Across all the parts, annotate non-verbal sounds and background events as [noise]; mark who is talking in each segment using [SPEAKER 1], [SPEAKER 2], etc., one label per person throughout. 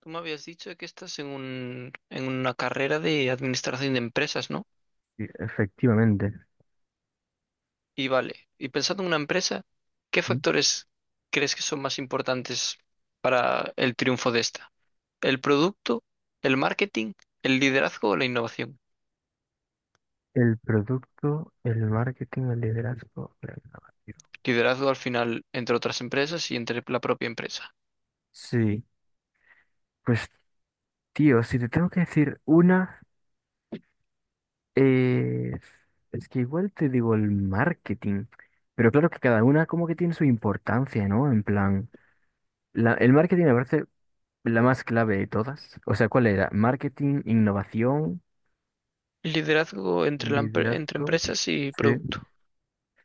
[SPEAKER 1] Tú me habías dicho que estás en una carrera de administración de empresas, ¿no?
[SPEAKER 2] Sí, efectivamente.
[SPEAKER 1] Y vale, y pensando en una empresa, ¿qué
[SPEAKER 2] Ujú.
[SPEAKER 1] factores crees que son más importantes para el triunfo de esta? ¿El producto, el marketing, el liderazgo o la innovación?
[SPEAKER 2] El producto, el marketing, el liderazgo, la innovación.
[SPEAKER 1] Liderazgo al final entre otras empresas y entre la propia empresa.
[SPEAKER 2] Sí, pues tío, si te tengo que decir una, eh, es que igual te digo el marketing, pero claro que cada una como que tiene su importancia, ¿no? En plan, el marketing me parece la más clave de todas. O sea, ¿cuál era? Marketing, innovación,
[SPEAKER 1] Liderazgo entre
[SPEAKER 2] liderazgo.
[SPEAKER 1] empresas y
[SPEAKER 2] Sí.
[SPEAKER 1] producto.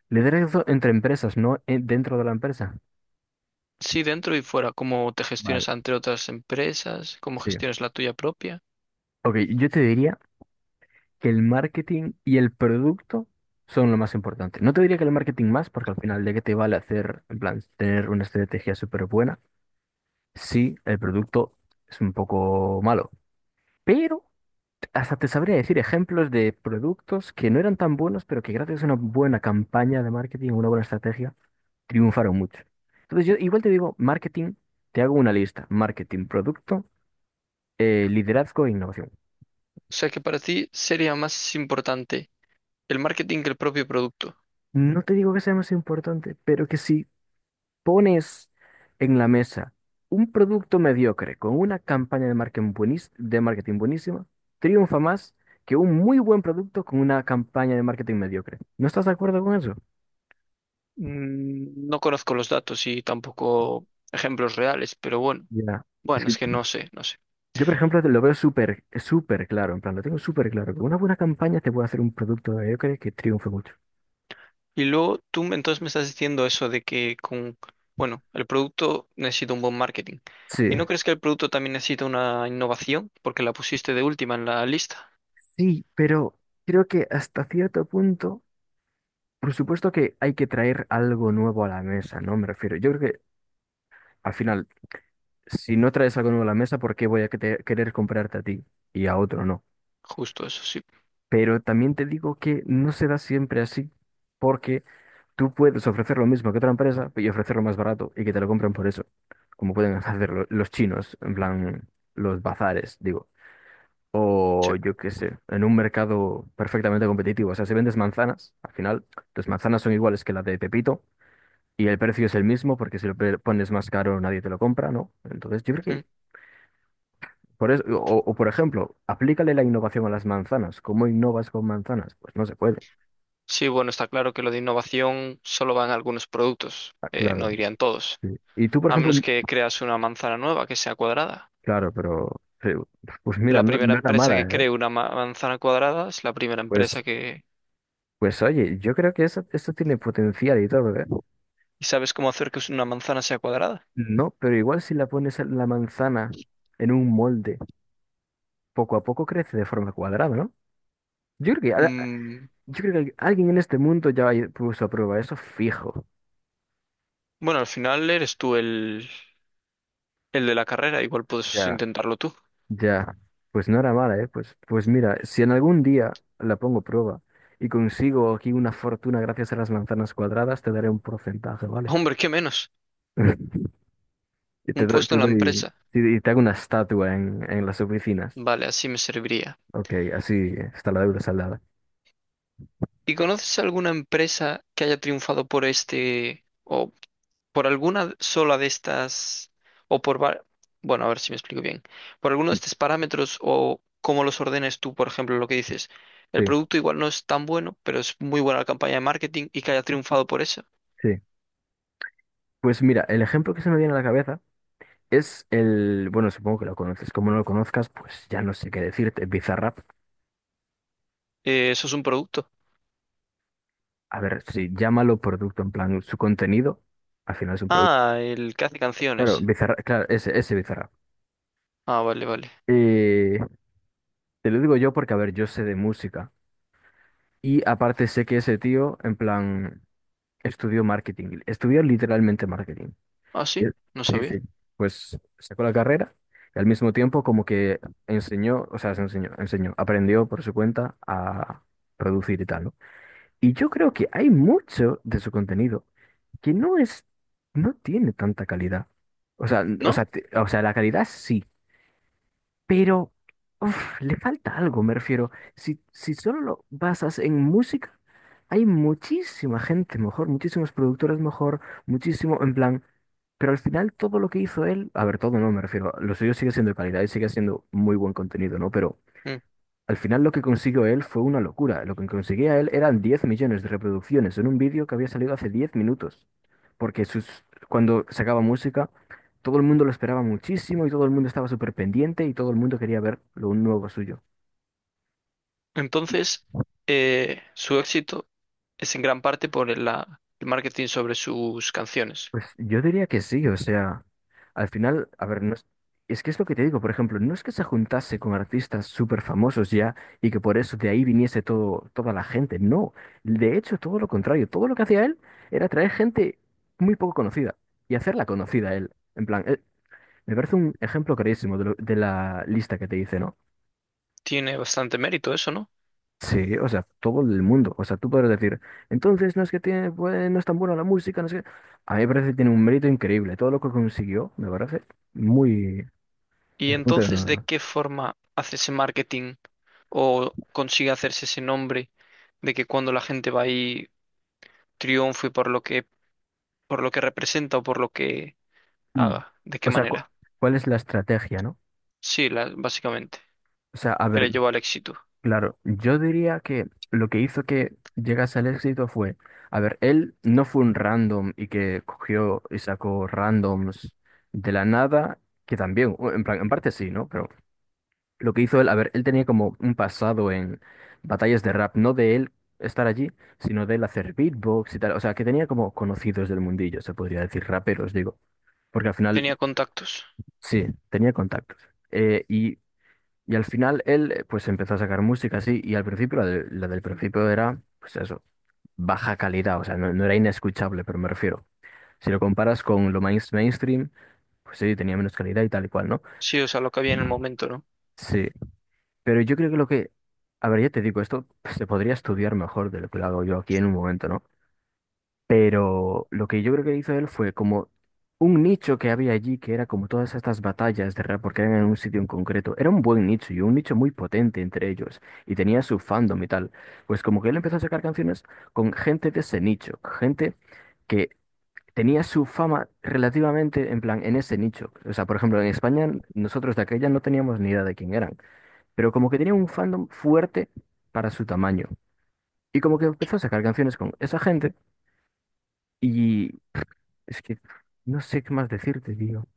[SPEAKER 2] Liderazgo entre empresas, no, dentro de la empresa.
[SPEAKER 1] Sí, dentro y fuera, cómo te
[SPEAKER 2] Vale,
[SPEAKER 1] gestiones entre otras empresas, cómo
[SPEAKER 2] sí.
[SPEAKER 1] gestiones la tuya propia.
[SPEAKER 2] Ok, yo te diría que el marketing y el producto son lo más importante. No te diría que el marketing más, porque al final de qué te vale hacer, en plan, tener una estrategia súper buena, si el producto es un poco malo. Pero hasta te sabría decir ejemplos de productos que no eran tan buenos, pero que gracias a una buena campaña de marketing o una buena estrategia, triunfaron mucho. Entonces yo igual te digo, marketing, te hago una lista, marketing, producto, liderazgo e innovación.
[SPEAKER 1] O sea que para ti sería más importante el marketing que el propio producto.
[SPEAKER 2] No te digo que sea más importante, pero que sí. Pones en la mesa un producto mediocre con una campaña de marketing de marketing buenísima, triunfa más que un muy buen producto con una campaña de marketing mediocre. ¿No estás de acuerdo con eso?
[SPEAKER 1] Mm, no conozco los datos y tampoco ejemplos reales, pero bueno,
[SPEAKER 2] Ya. Es
[SPEAKER 1] bueno,
[SPEAKER 2] que
[SPEAKER 1] es que no sé, no sé.
[SPEAKER 2] yo, por ejemplo, te lo veo súper, súper claro, en plan, lo tengo súper claro, que una buena campaña te puede hacer un producto mediocre que triunfe mucho.
[SPEAKER 1] Entonces me estás diciendo eso de bueno, el producto necesita un buen marketing.
[SPEAKER 2] Sí,
[SPEAKER 1] ¿Y no crees que el producto también necesita una innovación? Porque la pusiste de última en la lista.
[SPEAKER 2] sí, pero creo que hasta cierto punto, por supuesto que hay que traer algo nuevo a la mesa, ¿no? Me refiero, yo creo que al final, si no traes algo nuevo a la mesa, ¿por qué voy a querer comprarte a ti y a otro no?
[SPEAKER 1] Justo eso, sí.
[SPEAKER 2] Pero también te digo que no se da siempre así, porque tú puedes ofrecer lo mismo que otra empresa y ofrecerlo más barato y que te lo compren por eso, como pueden [laughs] hacer los chinos, en plan los bazares, digo.
[SPEAKER 1] Sí.
[SPEAKER 2] O yo qué sé, en un mercado perfectamente competitivo. O sea, si vendes manzanas, al final, tus manzanas son iguales que la de Pepito y el precio es el mismo porque si lo pones más caro nadie te lo compra, ¿no? Entonces, yo creo que,
[SPEAKER 1] Mm.
[SPEAKER 2] por eso, por ejemplo, aplícale la innovación a las manzanas. ¿Cómo innovas con manzanas? Pues no se puede.
[SPEAKER 1] Sí, bueno, está claro que lo de innovación solo van a algunos productos,
[SPEAKER 2] Ah,
[SPEAKER 1] no
[SPEAKER 2] claro.
[SPEAKER 1] dirían todos.
[SPEAKER 2] Sí. Y tú, por
[SPEAKER 1] A
[SPEAKER 2] ejemplo,
[SPEAKER 1] menos que creas una manzana nueva que sea cuadrada.
[SPEAKER 2] claro, pero sí, pues mira,
[SPEAKER 1] La
[SPEAKER 2] no,
[SPEAKER 1] primera
[SPEAKER 2] no era
[SPEAKER 1] empresa
[SPEAKER 2] mala,
[SPEAKER 1] que
[SPEAKER 2] ¿eh?
[SPEAKER 1] cree una manzana cuadrada es la primera
[SPEAKER 2] Pues,
[SPEAKER 1] empresa que...
[SPEAKER 2] pues, oye, yo creo que eso tiene potencial y todo, ¿eh?
[SPEAKER 1] ¿Y sabes cómo hacer que una manzana sea cuadrada?
[SPEAKER 2] No, pero igual si la pones en la manzana en un molde, poco a poco crece de forma cuadrada, ¿no? Yo creo que, al-
[SPEAKER 1] Mm,
[SPEAKER 2] yo creo que alguien en este mundo ya puso a prueba eso fijo.
[SPEAKER 1] bueno, al final eres el de la carrera, igual puedes
[SPEAKER 2] Ya.
[SPEAKER 1] intentarlo tú.
[SPEAKER 2] Ya, pues no era mala, ¿eh? Pues, mira, si en algún día la pongo prueba y consigo aquí una fortuna gracias a las manzanas cuadradas, te daré un porcentaje, ¿vale?
[SPEAKER 1] Hombre, qué menos.
[SPEAKER 2] [laughs] Y
[SPEAKER 1] Un
[SPEAKER 2] te
[SPEAKER 1] puesto en la
[SPEAKER 2] doy-
[SPEAKER 1] empresa.
[SPEAKER 2] y te hago una estatua en las oficinas.
[SPEAKER 1] Vale, así me serviría.
[SPEAKER 2] Ok, así está la deuda saldada.
[SPEAKER 1] ¿Y conoces alguna empresa que haya triunfado por este o por alguna sola de estas, o por, va- bueno, a ver si me explico bien, por alguno de
[SPEAKER 2] Sí,
[SPEAKER 1] estos parámetros o cómo los ordenes tú, por ejemplo, lo que dices, el
[SPEAKER 2] sí.
[SPEAKER 1] producto igual no es tan bueno, pero es muy buena la campaña de marketing y que haya triunfado por eso.
[SPEAKER 2] Sí. Pues mira, el ejemplo que se me viene a la cabeza es el, bueno, supongo que lo conoces, como no lo conozcas, pues ya no sé qué decirte, Bizarrap.
[SPEAKER 1] Eso es un producto.
[SPEAKER 2] A ver, sí, llámalo producto, en plan, su contenido, al final es un producto.
[SPEAKER 1] Ah, el que hace
[SPEAKER 2] Claro,
[SPEAKER 1] canciones.
[SPEAKER 2] Bizarra, claro, ese Bizarra.
[SPEAKER 1] Ah, vale, vale.
[SPEAKER 2] Eh, te lo digo yo porque, a ver, yo sé de música. Y aparte sé que ese tío, en plan, estudió marketing. Estudió literalmente marketing.
[SPEAKER 1] Ah,
[SPEAKER 2] Y-
[SPEAKER 1] sí, no
[SPEAKER 2] Sí,
[SPEAKER 1] sabía.
[SPEAKER 2] sí. Pues sacó la carrera y al mismo tiempo como que enseñó, o sea, se enseñó, aprendió por su cuenta a producir y tal, ¿no? Y yo creo que hay mucho de su contenido que no es, no tiene tanta calidad. O sea, n- o
[SPEAKER 1] ¿No?
[SPEAKER 2] sea, te- o sea, la calidad sí. Pero uf, le falta algo, me refiero. Si solo lo basas en música, hay muchísima gente mejor, muchísimos productores mejor, muchísimo, en plan. Pero al final todo lo que hizo él, a ver, todo no, me refiero, lo suyo sigue siendo de calidad y sigue siendo muy buen contenido, ¿no? Pero
[SPEAKER 1] Mm.
[SPEAKER 2] al final lo que consiguió él fue una locura. Lo que conseguía él eran 10 millones de reproducciones en un vídeo que había salido hace 10 minutos. Porque cuando sacaba música, todo el mundo lo esperaba muchísimo y todo el mundo estaba súper pendiente y todo el mundo quería ver lo nuevo suyo.
[SPEAKER 1] Entonces, su éxito es en gran parte por el marketing sobre sus canciones.
[SPEAKER 2] Pues yo diría que sí, o sea, al final, a ver, no es, es que es lo que te digo, por ejemplo, no es que se juntase con artistas súper famosos ya y que por eso de ahí viniese todo, toda la gente, no, de hecho todo lo contrario, todo lo que hacía él era traer gente muy poco conocida y hacerla conocida a él, en plan, me parece un ejemplo clarísimo de la lista que te hice, ¿no?
[SPEAKER 1] Tiene bastante mérito eso, ¿no?
[SPEAKER 2] Sí, o sea, todo el mundo. O sea, tú podrás decir, entonces no es que tiene, pues, no es tan buena la música, no sé qué. A mí me parece que tiene un mérito increíble. Todo lo que consiguió me parece muy.
[SPEAKER 1] ¿Y
[SPEAKER 2] Es punto de
[SPEAKER 1] entonces de qué forma hace ese marketing o consigue hacerse ese nombre de que cuando la gente va ahí triunfe por lo que representa o por lo que
[SPEAKER 2] Mm.
[SPEAKER 1] haga? ¿De qué
[SPEAKER 2] O sea,
[SPEAKER 1] manera?
[SPEAKER 2] ¿cuál es la estrategia, no?
[SPEAKER 1] Sí, básicamente,
[SPEAKER 2] O sea, a
[SPEAKER 1] que le
[SPEAKER 2] ver,
[SPEAKER 1] llevó al éxito.
[SPEAKER 2] claro, yo diría que lo que hizo que llegase al éxito fue, a ver, él no fue un random y que cogió y sacó randoms de la nada, que también, o en plan, en parte sí, ¿no? Pero lo que hizo él, a ver, él tenía como un pasado en batallas de rap, no de él estar allí, sino de él hacer beatbox y tal. O sea, que tenía como conocidos del mundillo, se podría decir, raperos, digo. Porque al final,
[SPEAKER 1] Tenía contactos.
[SPEAKER 2] sí, tenía contactos. Eh, y, y al final él, pues empezó a sacar música así, y al principio, la del principio era, pues eso, baja calidad, o sea, no, no era inescuchable, pero me refiero. Si lo comparas con lo mainstream, pues sí, tenía menos calidad y tal y cual, ¿no?
[SPEAKER 1] Sí, o sea, lo que había en el momento, ¿no?
[SPEAKER 2] Sí. Pero yo creo que lo que, a ver, ya te digo, esto pues, se podría estudiar mejor de lo que lo hago yo aquí en un momento, ¿no? Pero lo que yo creo que hizo él fue como un nicho que había allí, que era como todas estas batallas de rap, porque eran en un sitio en concreto. Era un buen nicho y un nicho muy potente entre ellos, y tenía su fandom y tal. Pues como que él empezó a sacar canciones con gente de ese nicho, gente que tenía su fama relativamente en plan en ese nicho. O sea, por ejemplo, en España nosotros de aquella no teníamos ni idea de quién eran pero como que tenía un fandom fuerte para su tamaño. Y como que empezó a sacar canciones con esa gente y es que no sé qué más decirte, digo.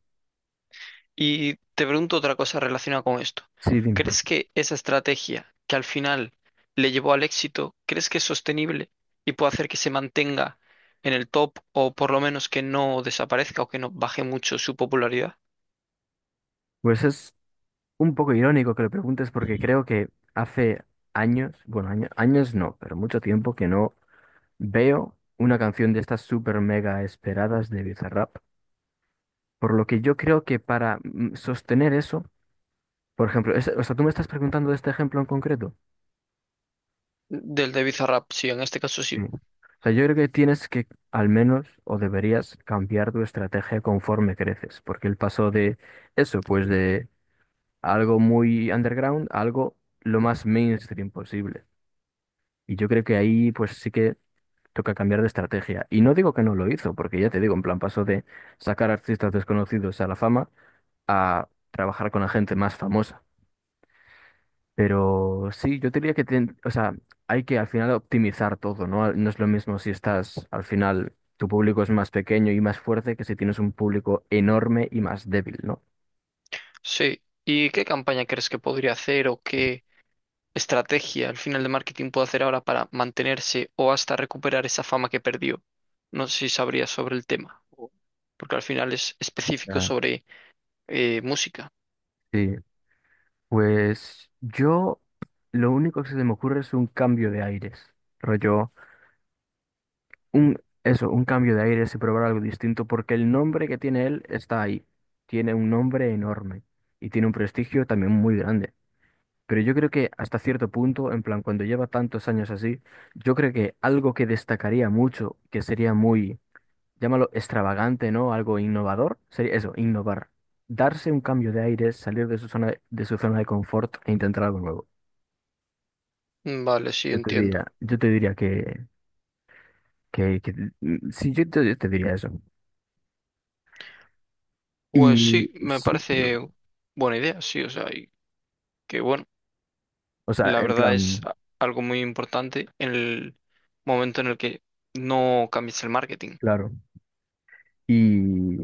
[SPEAKER 1] Y te pregunto otra cosa relacionada con esto.
[SPEAKER 2] Sí, dime.
[SPEAKER 1] ¿Crees que esa estrategia que al final le llevó al éxito, crees que es sostenible y puede hacer que se mantenga en el top o por lo menos que no desaparezca o que no baje mucho su popularidad?
[SPEAKER 2] Pues es un poco irónico que lo preguntes porque creo que hace años, bueno, años no, pero mucho tiempo que no veo una canción de estas super mega esperadas de Bizarrap. Por lo que yo creo que para sostener eso, por ejemplo, o sea, tú me estás preguntando de este ejemplo en concreto.
[SPEAKER 1] Del de Bizarrap, sí, en este caso
[SPEAKER 2] Sí.
[SPEAKER 1] sí.
[SPEAKER 2] O sea, yo creo que tienes que, al menos, o deberías cambiar tu estrategia conforme creces, porque el paso de eso, pues de algo muy underground a algo lo más mainstream posible. Y yo creo que ahí, pues sí que toca cambiar de estrategia. Y no digo que no lo hizo, porque ya te digo, en plan, paso de sacar artistas desconocidos a la fama a trabajar con la gente más famosa. Pero sí, yo diría que o sea, hay que al final optimizar todo, ¿no? No es lo mismo si estás, al final, tu público es más pequeño y más fuerte que si tienes un público enorme y más débil, ¿no?
[SPEAKER 1] Sí. ¿Y qué campaña crees que podría hacer o qué estrategia al final de marketing puede hacer ahora para mantenerse o hasta recuperar esa fama que perdió? No sé si sabrías sobre el tema, o porque al final es específico
[SPEAKER 2] Ah,
[SPEAKER 1] sobre eh, música.
[SPEAKER 2] sí. Pues yo lo único que se me ocurre es un cambio de aires. Rollo, un un cambio de aires y probar algo distinto, porque el nombre que tiene él está ahí. Tiene un nombre enorme y tiene un prestigio también muy grande. Pero yo creo que hasta cierto punto, en plan, cuando lleva tantos años así, yo creo que algo que destacaría mucho, que sería muy, llámalo extravagante, ¿no? Algo innovador, sería eso, innovar. Darse un cambio de aire, salir de su zona de su zona de confort e intentar algo nuevo.
[SPEAKER 1] Vale, sí,
[SPEAKER 2] Yo te
[SPEAKER 1] entiendo.
[SPEAKER 2] diría, yo te diría que sí, yo te diría eso. Y
[SPEAKER 1] Pues sí,
[SPEAKER 2] y
[SPEAKER 1] me
[SPEAKER 2] sí,
[SPEAKER 1] parece buena idea, sí, o sea, y que bueno,
[SPEAKER 2] o sea,
[SPEAKER 1] la
[SPEAKER 2] en
[SPEAKER 1] verdad es
[SPEAKER 2] plan,
[SPEAKER 1] algo muy importante en el momento en el que no cambies el marketing.
[SPEAKER 2] claro. Y,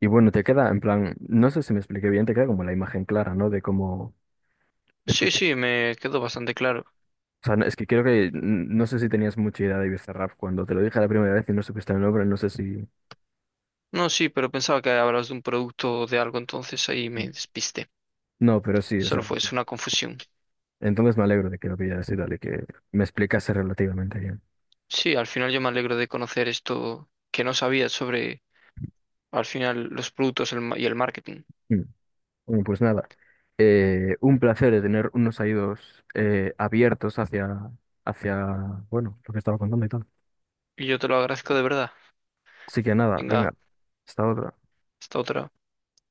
[SPEAKER 2] y, bueno, te queda, en plan, no sé si me expliqué bien, te queda como la imagen clara, ¿no? De cómo. Es que
[SPEAKER 1] Sí, sí, me quedó bastante claro.
[SPEAKER 2] o sea, es que creo que no sé si tenías mucha idea de Bizarrap cuando te lo dije la primera vez y no supiste el nombre, no sé si.
[SPEAKER 1] No, sí, pero pensaba que hablabas de un producto o de algo, entonces ahí me despisté.
[SPEAKER 2] No, pero sí, o
[SPEAKER 1] Solo
[SPEAKER 2] sea,
[SPEAKER 1] fue, es una confusión.
[SPEAKER 2] entonces me alegro de que lo pillaras y tal, y que me explicase relativamente bien.
[SPEAKER 1] Sí, al final yo me alegro de conocer esto que no sabía sobre, al final, los productos y el marketing.
[SPEAKER 2] Mm. Bueno, pues nada, un placer de tener unos oídos abiertos hacia, hacia, bueno, lo que estaba contando y tal.
[SPEAKER 1] Y yo te lo agradezco de verdad.
[SPEAKER 2] Así que nada,
[SPEAKER 1] Venga,
[SPEAKER 2] venga, hasta otra.
[SPEAKER 1] hasta otra.